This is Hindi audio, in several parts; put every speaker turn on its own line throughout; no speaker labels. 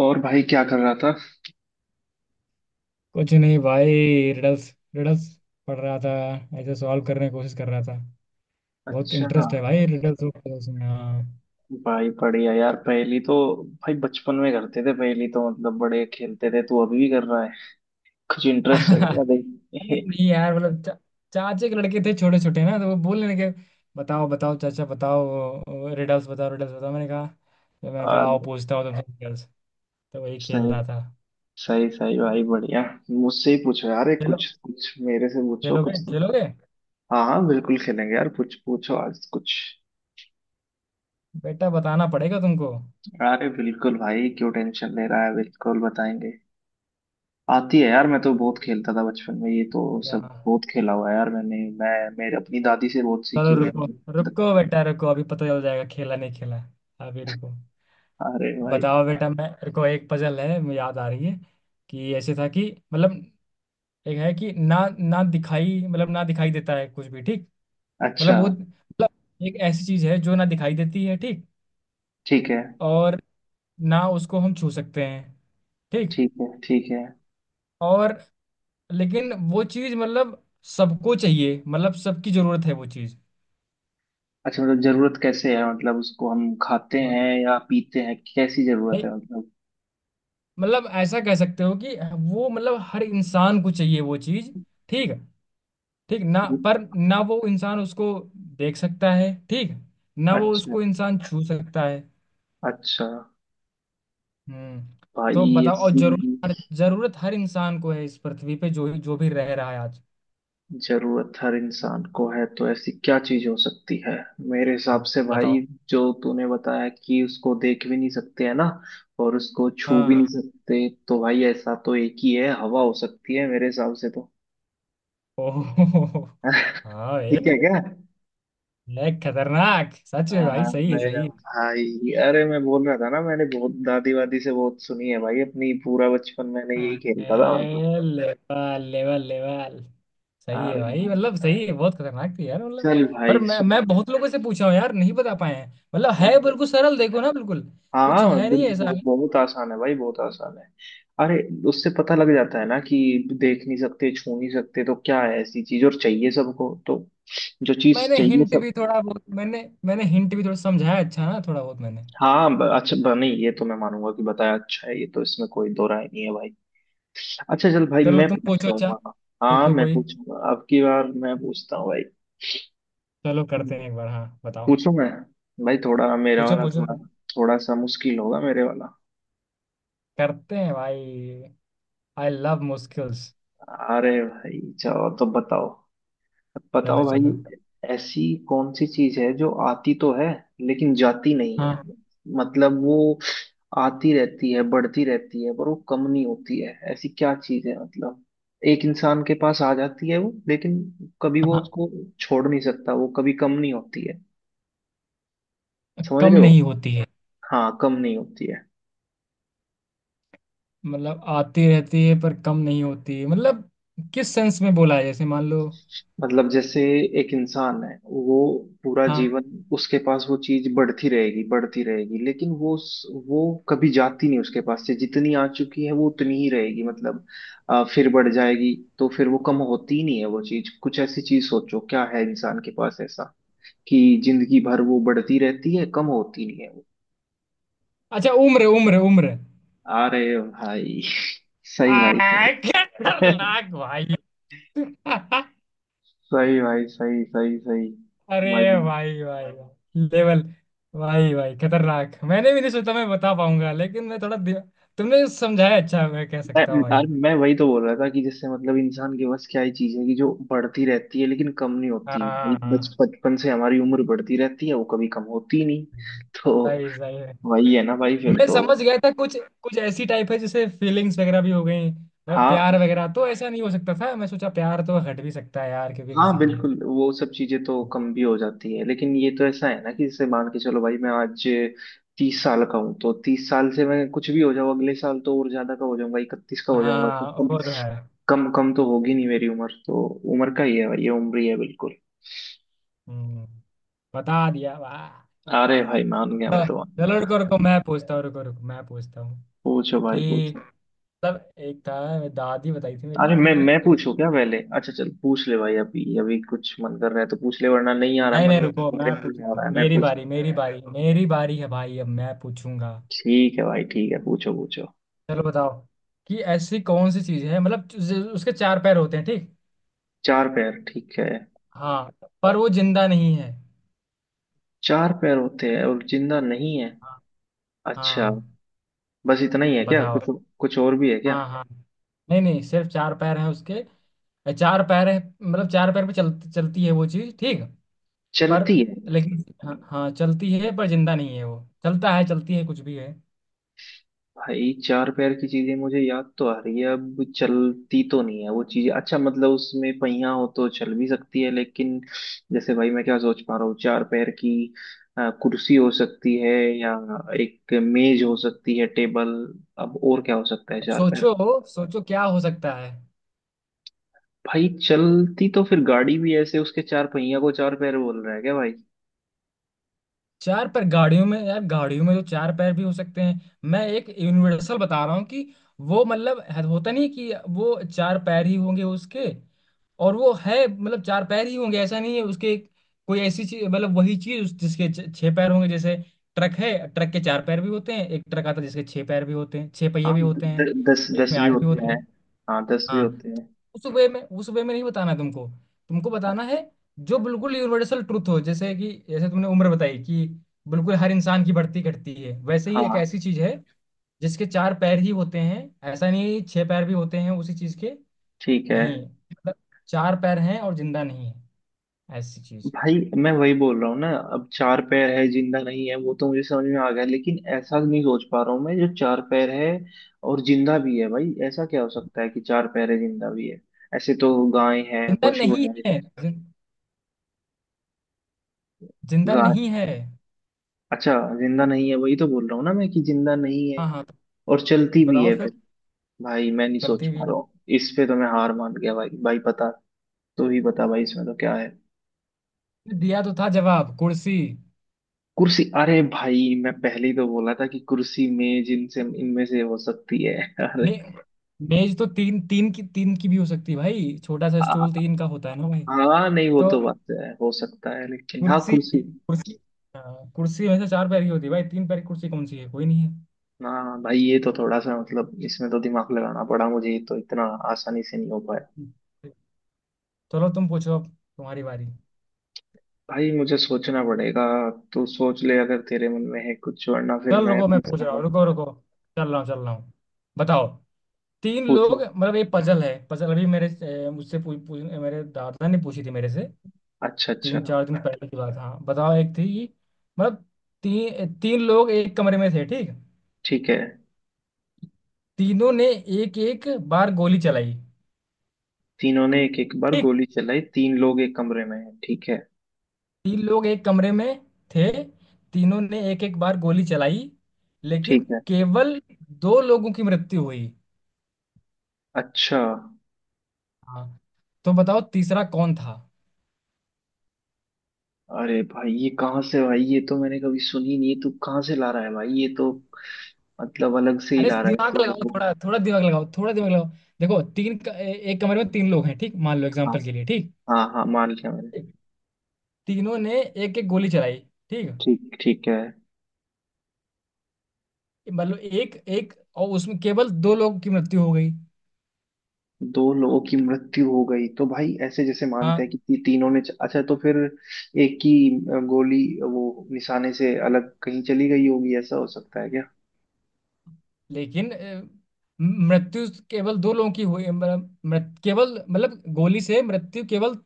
और भाई क्या कर रहा था?
कुछ नहीं भाई। रिडल्स। रिडल्स पढ़ रहा था, ऐसे सॉल्व करने की कोशिश कर रहा था। बहुत
अच्छा।
इंटरेस्ट है भाई रिडल्स और puzzles में। हाँ।
भाई बढ़िया यार, पहेली तो। भाई, बचपन में करते थे पहेली तो, मतलब बड़े खेलते थे, तू अभी भी कर रहा है? कुछ इंटरेस्ट है क्या
अरे
भाई?
नहीं यार, मतलब चाचे के लड़के थे छोटे छोटे ना, तो वो बोलने लगे बताओ बताओ चाचा, बताओ रिडल्स, बताओ रिडल्स बताओ। मैंने कहा, तो मैंने कहा
और
आओ पूछता हूँ तुमसे रिडल्स। तो वही खेल
सही
रहा था।
सही सही भाई, बढ़िया। मुझसे ही पूछो यार, एक
खेलो,
कुछ कुछ मेरे से पूछो
खेलोगे
कुछ तो।
खेलोगे?
हाँ हाँ, बिल्कुल खेलेंगे यार, कुछ पूछो आज कुछ।
बेटा बताना पड़ेगा तुमको।
अरे बिल्कुल भाई, क्यों टेंशन ले रहा है, बिल्कुल बताएंगे। आती है यार, मैं तो बहुत खेलता था बचपन में, ये तो
क्या,
सब बहुत खेला हुआ है यार, मैंने मैं मेरे अपनी दादी से बहुत सीखी
चलो
हुई
रुको।
है।
रुको बेटा रुको, अभी पता चल जाएगा खेला नहीं खेला। अभी रुको।
अरे भाई।
बताओ बेटा, मैं मेरे को एक पजल है, मुझे याद आ रही है। कि ऐसे था कि, मतलब, एक है कि ना, ना दिखाई मतलब ना दिखाई देता है कुछ भी, ठीक। मतलब
अच्छा।
वो, मतलब, एक ऐसी चीज है जो ना दिखाई देती है, ठीक।
ठीक है
और ना उसको हम छू सकते हैं, ठीक।
ठीक है। ठीक है।
और, लेकिन वो चीज मतलब सबको चाहिए, मतलब सबकी जरूरत है वो चीज।
अच्छा, मतलब जरूरत कैसे है, मतलब उसको हम खाते
हाँ,
हैं या पीते हैं, कैसी जरूरत
नहीं,
है मतलब?
मतलब ऐसा कह सकते हो कि वो, मतलब, हर इंसान को चाहिए वो चीज। ठीक है ठीक ना, पर ना वो इंसान उसको देख सकता है, ठीक। ना वो
अच्छा।
उसको इंसान छू सकता है।
अच्छा।
तो
भाई
बताओ, और
ऐसी
जरूरत हर इंसान को है इस पृथ्वी पे, जो जो भी रह रहा है आज।
जरूरत हर इंसान को है तो ऐसी क्या चीज हो सकती है? मेरे हिसाब से भाई,
बताओ।
जो तूने बताया कि उसको देख भी नहीं सकते है ना, और उसको छू
हाँ
भी नहीं
हाँ।
सकते, तो भाई ऐसा तो एक ही है, हवा हो सकती है मेरे हिसाब से तो।
ओहो। हाँ ये
ठीक है क्या?
ये खतरनाक सच में
हाँ,
भाई, सही है
मैं।
सही है।
भाई, अरे मैं बोल रहा था ना, मैंने बहुत दादी वादी से बहुत सुनी है भाई, अपनी पूरा बचपन मैंने यही खेलता था मैं तो।
Level level level. सही है
अरे
भाई,
भाई।
मतलब सही है, बहुत खतरनाक थी यार मतलब।
चल
पर
भाई सुन।
मैं बहुत लोगों से पूछा हूँ यार, नहीं बता पाए हैं। मतलब है बिल्कुल सरल, देखो ना, बिल्कुल कुछ
हाँ,
है
बिल-
नहीं ऐसा।
बहु- बहुत आसान है भाई, बहुत आसान है। अरे, उससे पता लग जाता है ना कि देख नहीं सकते, छू नहीं सकते, तो क्या है ऐसी चीज और चाहिए सबको तो? जो चीज
मैंने
चाहिए
हिंट
सब।
भी थोड़ा बहुत, मैंने मैंने हिंट भी थोड़ा समझाया अच्छा ना, थोड़ा बहुत मैंने।
हाँ, अच्छा नहीं, ये तो मैं मानूंगा कि बताया अच्छा है, ये तो इसमें कोई दो राय नहीं है भाई। अच्छा चल भाई
चलो
मैं
तुम पूछो
पूछता
अच्छा।
हूँ, हाँ। हाँ,
पूछो
मैं
कोई,
पूछूंगा अब की बार, मैं पूछता हूँ भाई।
चलो करते हैं एक बार। हाँ बताओ,
पूछूं मैं? भाई थोड़ा मेरा
पूछो
वाला
पूछो,
थोड़ा, थोड़ा सा मुश्किल होगा मेरे वाला।
करते हैं भाई, आई लव मुश्किल्स।
अरे भाई चलो, तो बताओ, बताओ
चलो
भाई।
चलो।
ऐसी कौन सी चीज है जो आती तो है लेकिन जाती नहीं है?
हाँ।
मतलब वो आती रहती है, बढ़ती रहती है, पर वो कम नहीं होती है, ऐसी क्या चीज है मतलब? एक इंसान के पास आ जाती है वो, लेकिन कभी वो
हाँ,
उसको छोड़ नहीं सकता, वो कभी कम नहीं होती है। समझ
कम
रहे हो?
नहीं होती है।
हाँ, कम नहीं होती है।
मतलब आती रहती है पर कम नहीं होती, मतलब किस सेंस में बोला है? जैसे मान लो।
मतलब जैसे एक इंसान है वो पूरा
हाँ।
जीवन, उसके पास वो चीज बढ़ती रहेगी बढ़ती रहेगी, लेकिन वो उस- वो कभी जाती नहीं उसके पास से, जितनी आ चुकी है वो उतनी ही रहेगी मतलब, फिर बढ़ जाएगी। तो फिर वो कम होती ही नहीं है, वो चीज। कुछ ऐसी चीज सोचो क्या है इंसान के पास ऐसा कि जिंदगी भर वो बढ़ती रहती है, कम होती नहीं है वो।
अच्छा, उम्र उम्र उम्र!
अरे भाई सही भाई
क्या
सही।
खतरनाक भाई!
सही भाई सही सही सही।
अरे
भाई,
भाई भाई भाई, लेवल! भाई भाई खतरनाक, मैंने भी नहीं सोचा मैं बता पाऊंगा, लेकिन मैं थोड़ा तुमने समझाया अच्छा, मैं कह
मैं
सकता हूँ भाई।
मैं वही तो बोल रहा था कि जैसे मतलब इंसान के बस क्या ही चीज है कि जो बढ़ती रहती है लेकिन कम नहीं होती भाई,
हाँ।
बच
हाँ।
बचपन से हमारी उम्र बढ़ती रहती है, वो कभी कम होती ही नहीं। तो
सही, सही है।
वही है ना भाई फिर
मैं
तो।
समझ गया था कुछ, कुछ ऐसी टाइप है, जैसे फीलिंग्स वगैरह भी हो गई। मतलब
हाँ
प्यार वगैरह तो ऐसा नहीं हो सकता था, मैं सोचा प्यार तो हट भी सकता है यार क्योंकि
हाँ,
किसी के लिए।
बिल्कुल वो सब चीजें तो कम भी हो जाती है, लेकिन ये तो ऐसा है ना कि जैसे मान के चलो भाई, मैं आज 30 साल का हूँ, तो 30 साल से मैं कुछ भी हो जाऊँ, अगले साल तो और ज्यादा का हो जाऊंगा, 31 का हो जाऊंगा, तो
हाँ
कम
वो तो है।
कम कम तो होगी नहीं मेरी उम्र तो। उम्र का ही है भाई, ये उम्र ही है बिल्कुल।
हम्म, बता दिया, वाह!
अरे भाई मान गया, मैं
हाँ,
तो मान
चलो
गया।
रुको रुको मैं पूछता हूँ, रुको रुको मैं पूछता हूँ।
पूछो भाई
कि
पूछो।
मतलब एक था, दादी बताई थी मेरी
अरे मैं
कि
मैं
एक,
पूछू क्या पहले? अच्छा चल पूछ ले भाई, अभी अभी कुछ मन कर रहा है तो पूछ ले, वरना नहीं आ रहा है
नहीं
मन
नहीं
में
रुको,
तो,
मैं
मेरे मन में आ
पूछूंगा,
रहा है मैं
मेरी
पूछता
बारी
हूँ।
मेरी बारी, मेरी बारी है भाई, अब मैं पूछूंगा।
ठीक है भाई ठीक है, पूछो पूछो।
चलो बताओ। कि ऐसी कौन सी चीज है मतलब, उसके चार पैर होते हैं, ठीक।
चार पैर? ठीक है।
हाँ पर वो जिंदा नहीं है।
चार पैर होते हैं और जिंदा नहीं है?
हाँ।
अच्छा।
हाँ,
बस इतना ही है क्या,
बताओ।
कुछ कुछ और भी है क्या?
हाँ हाँ, नहीं नहीं, सिर्फ चार पैर हैं उसके। चार पैर हैं, मतलब चार पैर पे चलती है वो चीज, ठीक। पर,
चलती है?
लेकिन हाँ हाँ चलती है, पर जिंदा नहीं है वो। चलता है चलती है कुछ भी है।
भाई चार पैर की चीजें मुझे याद तो आ रही है, अब चलती तो नहीं है वो चीजें, अच्छा मतलब उसमें पहिया हो तो चल भी सकती है लेकिन, जैसे भाई मैं क्या सोच पा रहा हूँ चार पैर की, कुर्सी हो सकती है, या एक मेज हो सकती है, टेबल। अब और क्या हो सकता है
अब
चार पैर?
सोचो, सोचो क्या हो सकता है।
भाई चलती तो फिर गाड़ी भी, ऐसे उसके चार पहिया को चार पैर बोल रहा है क्या भाई?
चार पैर गाड़ियों में यार, गाड़ियों में जो चार पैर भी हो सकते हैं। मैं एक यूनिवर्सल बता रहा हूँ कि वो मतलब होता नहीं कि वो चार पैर ही होंगे उसके। और वो है मतलब चार पैर ही होंगे ऐसा नहीं है उसके। कोई ऐसी चीज, मतलब वही चीज जिसके छह पैर होंगे, जैसे ट्रक है, ट्रक के चार पैर भी होते हैं, एक ट्रक आता है जिसके छह पैर भी होते हैं, छह पहिए
हाँ
भी
द,
होते
द,
हैं,
दस
एक
दस
में
भी
आठ भी
होते
होते
हैं।
हैं।
हाँ 10 भी
हाँ,
होते हैं।
उस वे में, उस वे में नहीं बताना तुमको। तुमको बताना है जो बिल्कुल यूनिवर्सल ट्रुथ हो, जैसे कि जैसे तुमने उम्र बताई कि बिल्कुल हर इंसान की बढ़ती घटती है, वैसे ही एक
हाँ
ऐसी चीज है जिसके चार पैर ही होते हैं। ऐसा नहीं है कि छह पैर भी होते हैं उसी चीज के,
ठीक है
नहीं। मतलब चार पैर हैं और जिंदा नहीं है, ऐसी चीज।
भाई। मैं वही बोल रहा हूँ ना, अब चार पैर है जिंदा नहीं है वो तो मुझे समझ में आ गया, लेकिन ऐसा नहीं सोच पा रहा हूँ मैं जो चार पैर है और जिंदा भी है भाई, ऐसा क्या हो सकता है कि चार पैर है जिंदा भी है? ऐसे तो गाय है,
जिंदा
पशु
नहीं
है।
है, जिंदा
गाय।
नहीं है।
अच्छा। जिंदा नहीं है, वही तो बोल रहा हूँ ना मैं कि जिंदा नहीं है,
हाँ हाँ तो
और चलती भी
बताओ
है फिर?
फिर,
भाई मैं नहीं सोच
चलती भी
पा रहा
है।
हूँ, इस पे तो मैं हार मान गया भाई। भाई पता तो ही बता भाई, इसमें तो क्या है?
दिया तो था जवाब, कुर्सी।
कुर्सी? अरे भाई मैं पहले ही तो बोला था कि कुर्सी मेज इनसे इनमें से हो सकती है।
मे,
अरे,
मेज तो तीन तीन की, तीन की भी हो सकती है भाई, छोटा सा स्टूल
हाँ
तीन का होता है ना भाई।
हाँ, नहीं वो
तो
तो बात है हो सकता है, लेकिन हाँ
कुर्सी
कुर्सी।
कुर्सी, हाँ, कुर्सी वैसे चार पैर की होती है भाई, तीन पैर की कुर्सी कौन सी है? कोई नहीं
हाँ भाई, ये तो थोड़ा सा मतलब, इसमें तो दिमाग लगाना पड़ा मुझे, ये तो इतना आसानी से नहीं हो पाया।
है। चलो तुम पूछो, अब तुम्हारी बारी।
भाई मुझे सोचना पड़ेगा, तू सोच ले अगर तेरे मन में है कुछ, वरना फिर
चल
मैं
रुको मैं पूछ रहा हूँ,
पूछूंगा।
रुको रुको। चल रहा हूँ चल रहा हूँ। बताओ, तीन लोग,
पूछूं?
मतलब ये पजल है, पजल अभी मेरे, मुझसे पूछ, मेरे दादा ने पूछी थी मेरे से,
अच्छा अच्छा।
तीन चार दिन पहले की बात। हाँ बताओ, एक थी मतलब, तीन तीन लोग एक कमरे में थे, ठीक।
ठीक है।
तीनों ने एक एक बार गोली चलाई।
तीनों ने एक एक बार
ठीक,
गोली चलाई, तीन लोग एक कमरे में हैं ठीक है?
तीन लोग एक कमरे में थे, तीनों ने एक एक बार गोली चलाई, लेकिन
ठीक है।
केवल दो लोगों की मृत्यु हुई।
अच्छा।
हाँ तो बताओ तीसरा कौन था?
अरे भाई ये कहाँ से भाई, ये तो मैंने कभी सुनी नहीं, तू कहाँ से ला रहा है भाई, ये तो मतलब अलग से ही
अरे
ला रहा है
दिमाग
तो।
लगाओ थोड़ा, थोड़ा दिमाग लगाओ, थोड़ा दिमाग लगाओ। देखो, तीन एक कमरे में तीन लोग हैं, ठीक, मान लो एग्जांपल के लिए, ठीक।
हाँ हाँ मान लिया मैंने।
तीनों ने एक एक गोली चलाई, ठीक,
ठीक, ठीक है।
मतलब एक एक। और उसमें केवल दो लोगों की मृत्यु हो गई।
दो लोगों की मृत्यु हो गई तो भाई, ऐसे जैसे मानते
हाँ
हैं कि तीनों ने, अच्छा तो फिर एक की गोली वो निशाने से अलग कहीं चली गई होगी, ऐसा हो सकता है क्या?
लेकिन मृत्यु केवल दो लोगों की हुई, मतलब केवल मतलब गोली से मृत्यु केवल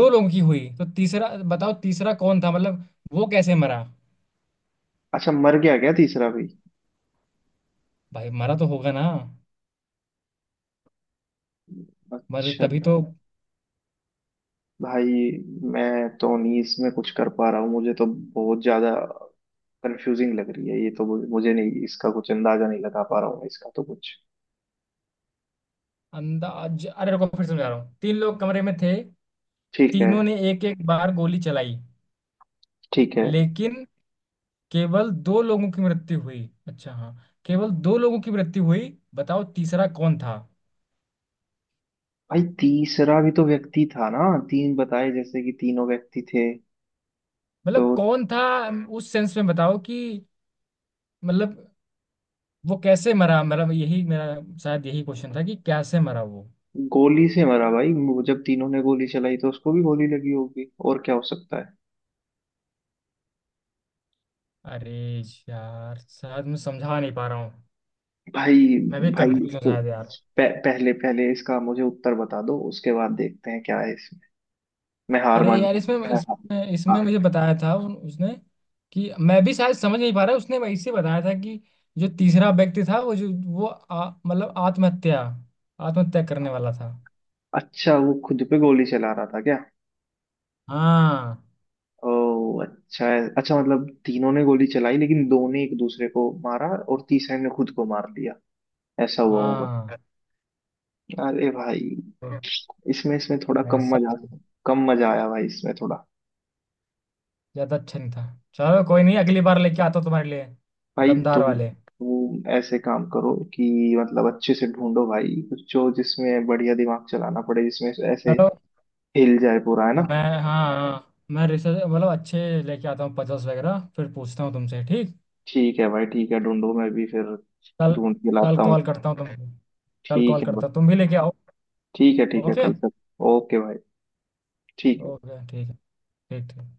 दो लोगों की हुई। तो तीसरा, बताओ तीसरा कौन था, मतलब वो कैसे मरा?
अच्छा मर गया क्या तीसरा भी?
भाई मरा तो होगा ना, मर
अच्छा।
तभी तो।
भाई मैं तो नहीं इसमें कुछ कर पा रहा हूँ, मुझे तो बहुत ज्यादा कंफ्यूजिंग लग रही है ये तो, मुझे मुझे नहीं, इसका कुछ अंदाजा नहीं लगा पा रहा हूँ मैं, इसका तो कुछ।
अंदाज, अरे रुको फिर समझा रहा हूँ, तीन लोग कमरे में थे,
ठीक है।
तीनों ने एक एक बार गोली चलाई,
ठीक है
लेकिन केवल दो लोगों की मृत्यु हुई। अच्छा हाँ, केवल दो लोगों की मृत्यु हुई, बताओ तीसरा कौन था,
भाई, तीसरा भी तो व्यक्ति था ना, तीन बताए जैसे कि तीनों व्यक्ति थे तो?
मतलब कौन था। उस सेंस में बताओ कि मतलब वो कैसे मरा, मतलब यही मेरा, शायद यही क्वेश्चन था कि कैसे मरा वो।
गोली से मरा भाई वो, जब तीनों ने गोली चलाई तो उसको भी गोली लगी होगी, और क्या हो सकता है?
अरे यार, शायद मैं समझा नहीं पा रहा हूँ,
भाई।
मैं भी
भाई
कंफ्यूज हूँ
तो
शायद यार।
पहले पहले इसका मुझे उत्तर बता दो, उसके बाद देखते हैं क्या है इसमें। मैं हार
अरे
मान
यार
जाऊंगा,
इसमें
मैं हार।
इसमें
हाँ।
मुझे बताया था उसने कि, मैं भी शायद समझ नहीं पा रहा, उसने वैसे बताया था कि जो तीसरा व्यक्ति था वो जो वो मतलब आत्महत्या, आत्महत्या करने वाला था।
अच्छा, वो खुद पे गोली चला रहा था क्या?
हाँ।
ओ अच्छा है, अच्छा मतलब तीनों ने गोली चलाई लेकिन दो ने एक दूसरे को मारा और तीसरे ने खुद को मार दिया, ऐसा हुआ होगा।
हाँ
अरे भाई,
तो
इसमें इसमें थोड़ा कम
ऐसा
मजा, कम मजा आया भाई, इसमें थोड़ा।
ज्यादा अच्छा नहीं था। चलो कोई नहीं, अगली बार लेके आता हूँ तुम्हारे लिए
भाई तो
दमदार वाले।
वो ऐसे काम करो कि मतलब अच्छे से ढूंढो भाई कुछ, जो जिसमें बढ़िया दिमाग चलाना पड़े, जिसमें ऐसे
चलो,
हिल जाए पूरा, है ना?
मैं हाँ हाँ, मैं रिसर्च, मतलब अच्छे लेके आता हूँ पजल्स वगैरह, फिर पूछता हूँ तुमसे, ठीक।
ठीक है भाई ठीक है, ढूंढो मैं भी फिर
कल,
ढूंढ के
कल
लाता हूँ।
कॉल करता हूँ तुमको, कल
ठीक
कॉल
है
करता हूँ,
भाई,
तुम भी लेके आओ।
ठीक है, ठीक है
ओके।
कल तक। ओके भाई, ठीक है।
ओके ठीक है, ठीक ठीक।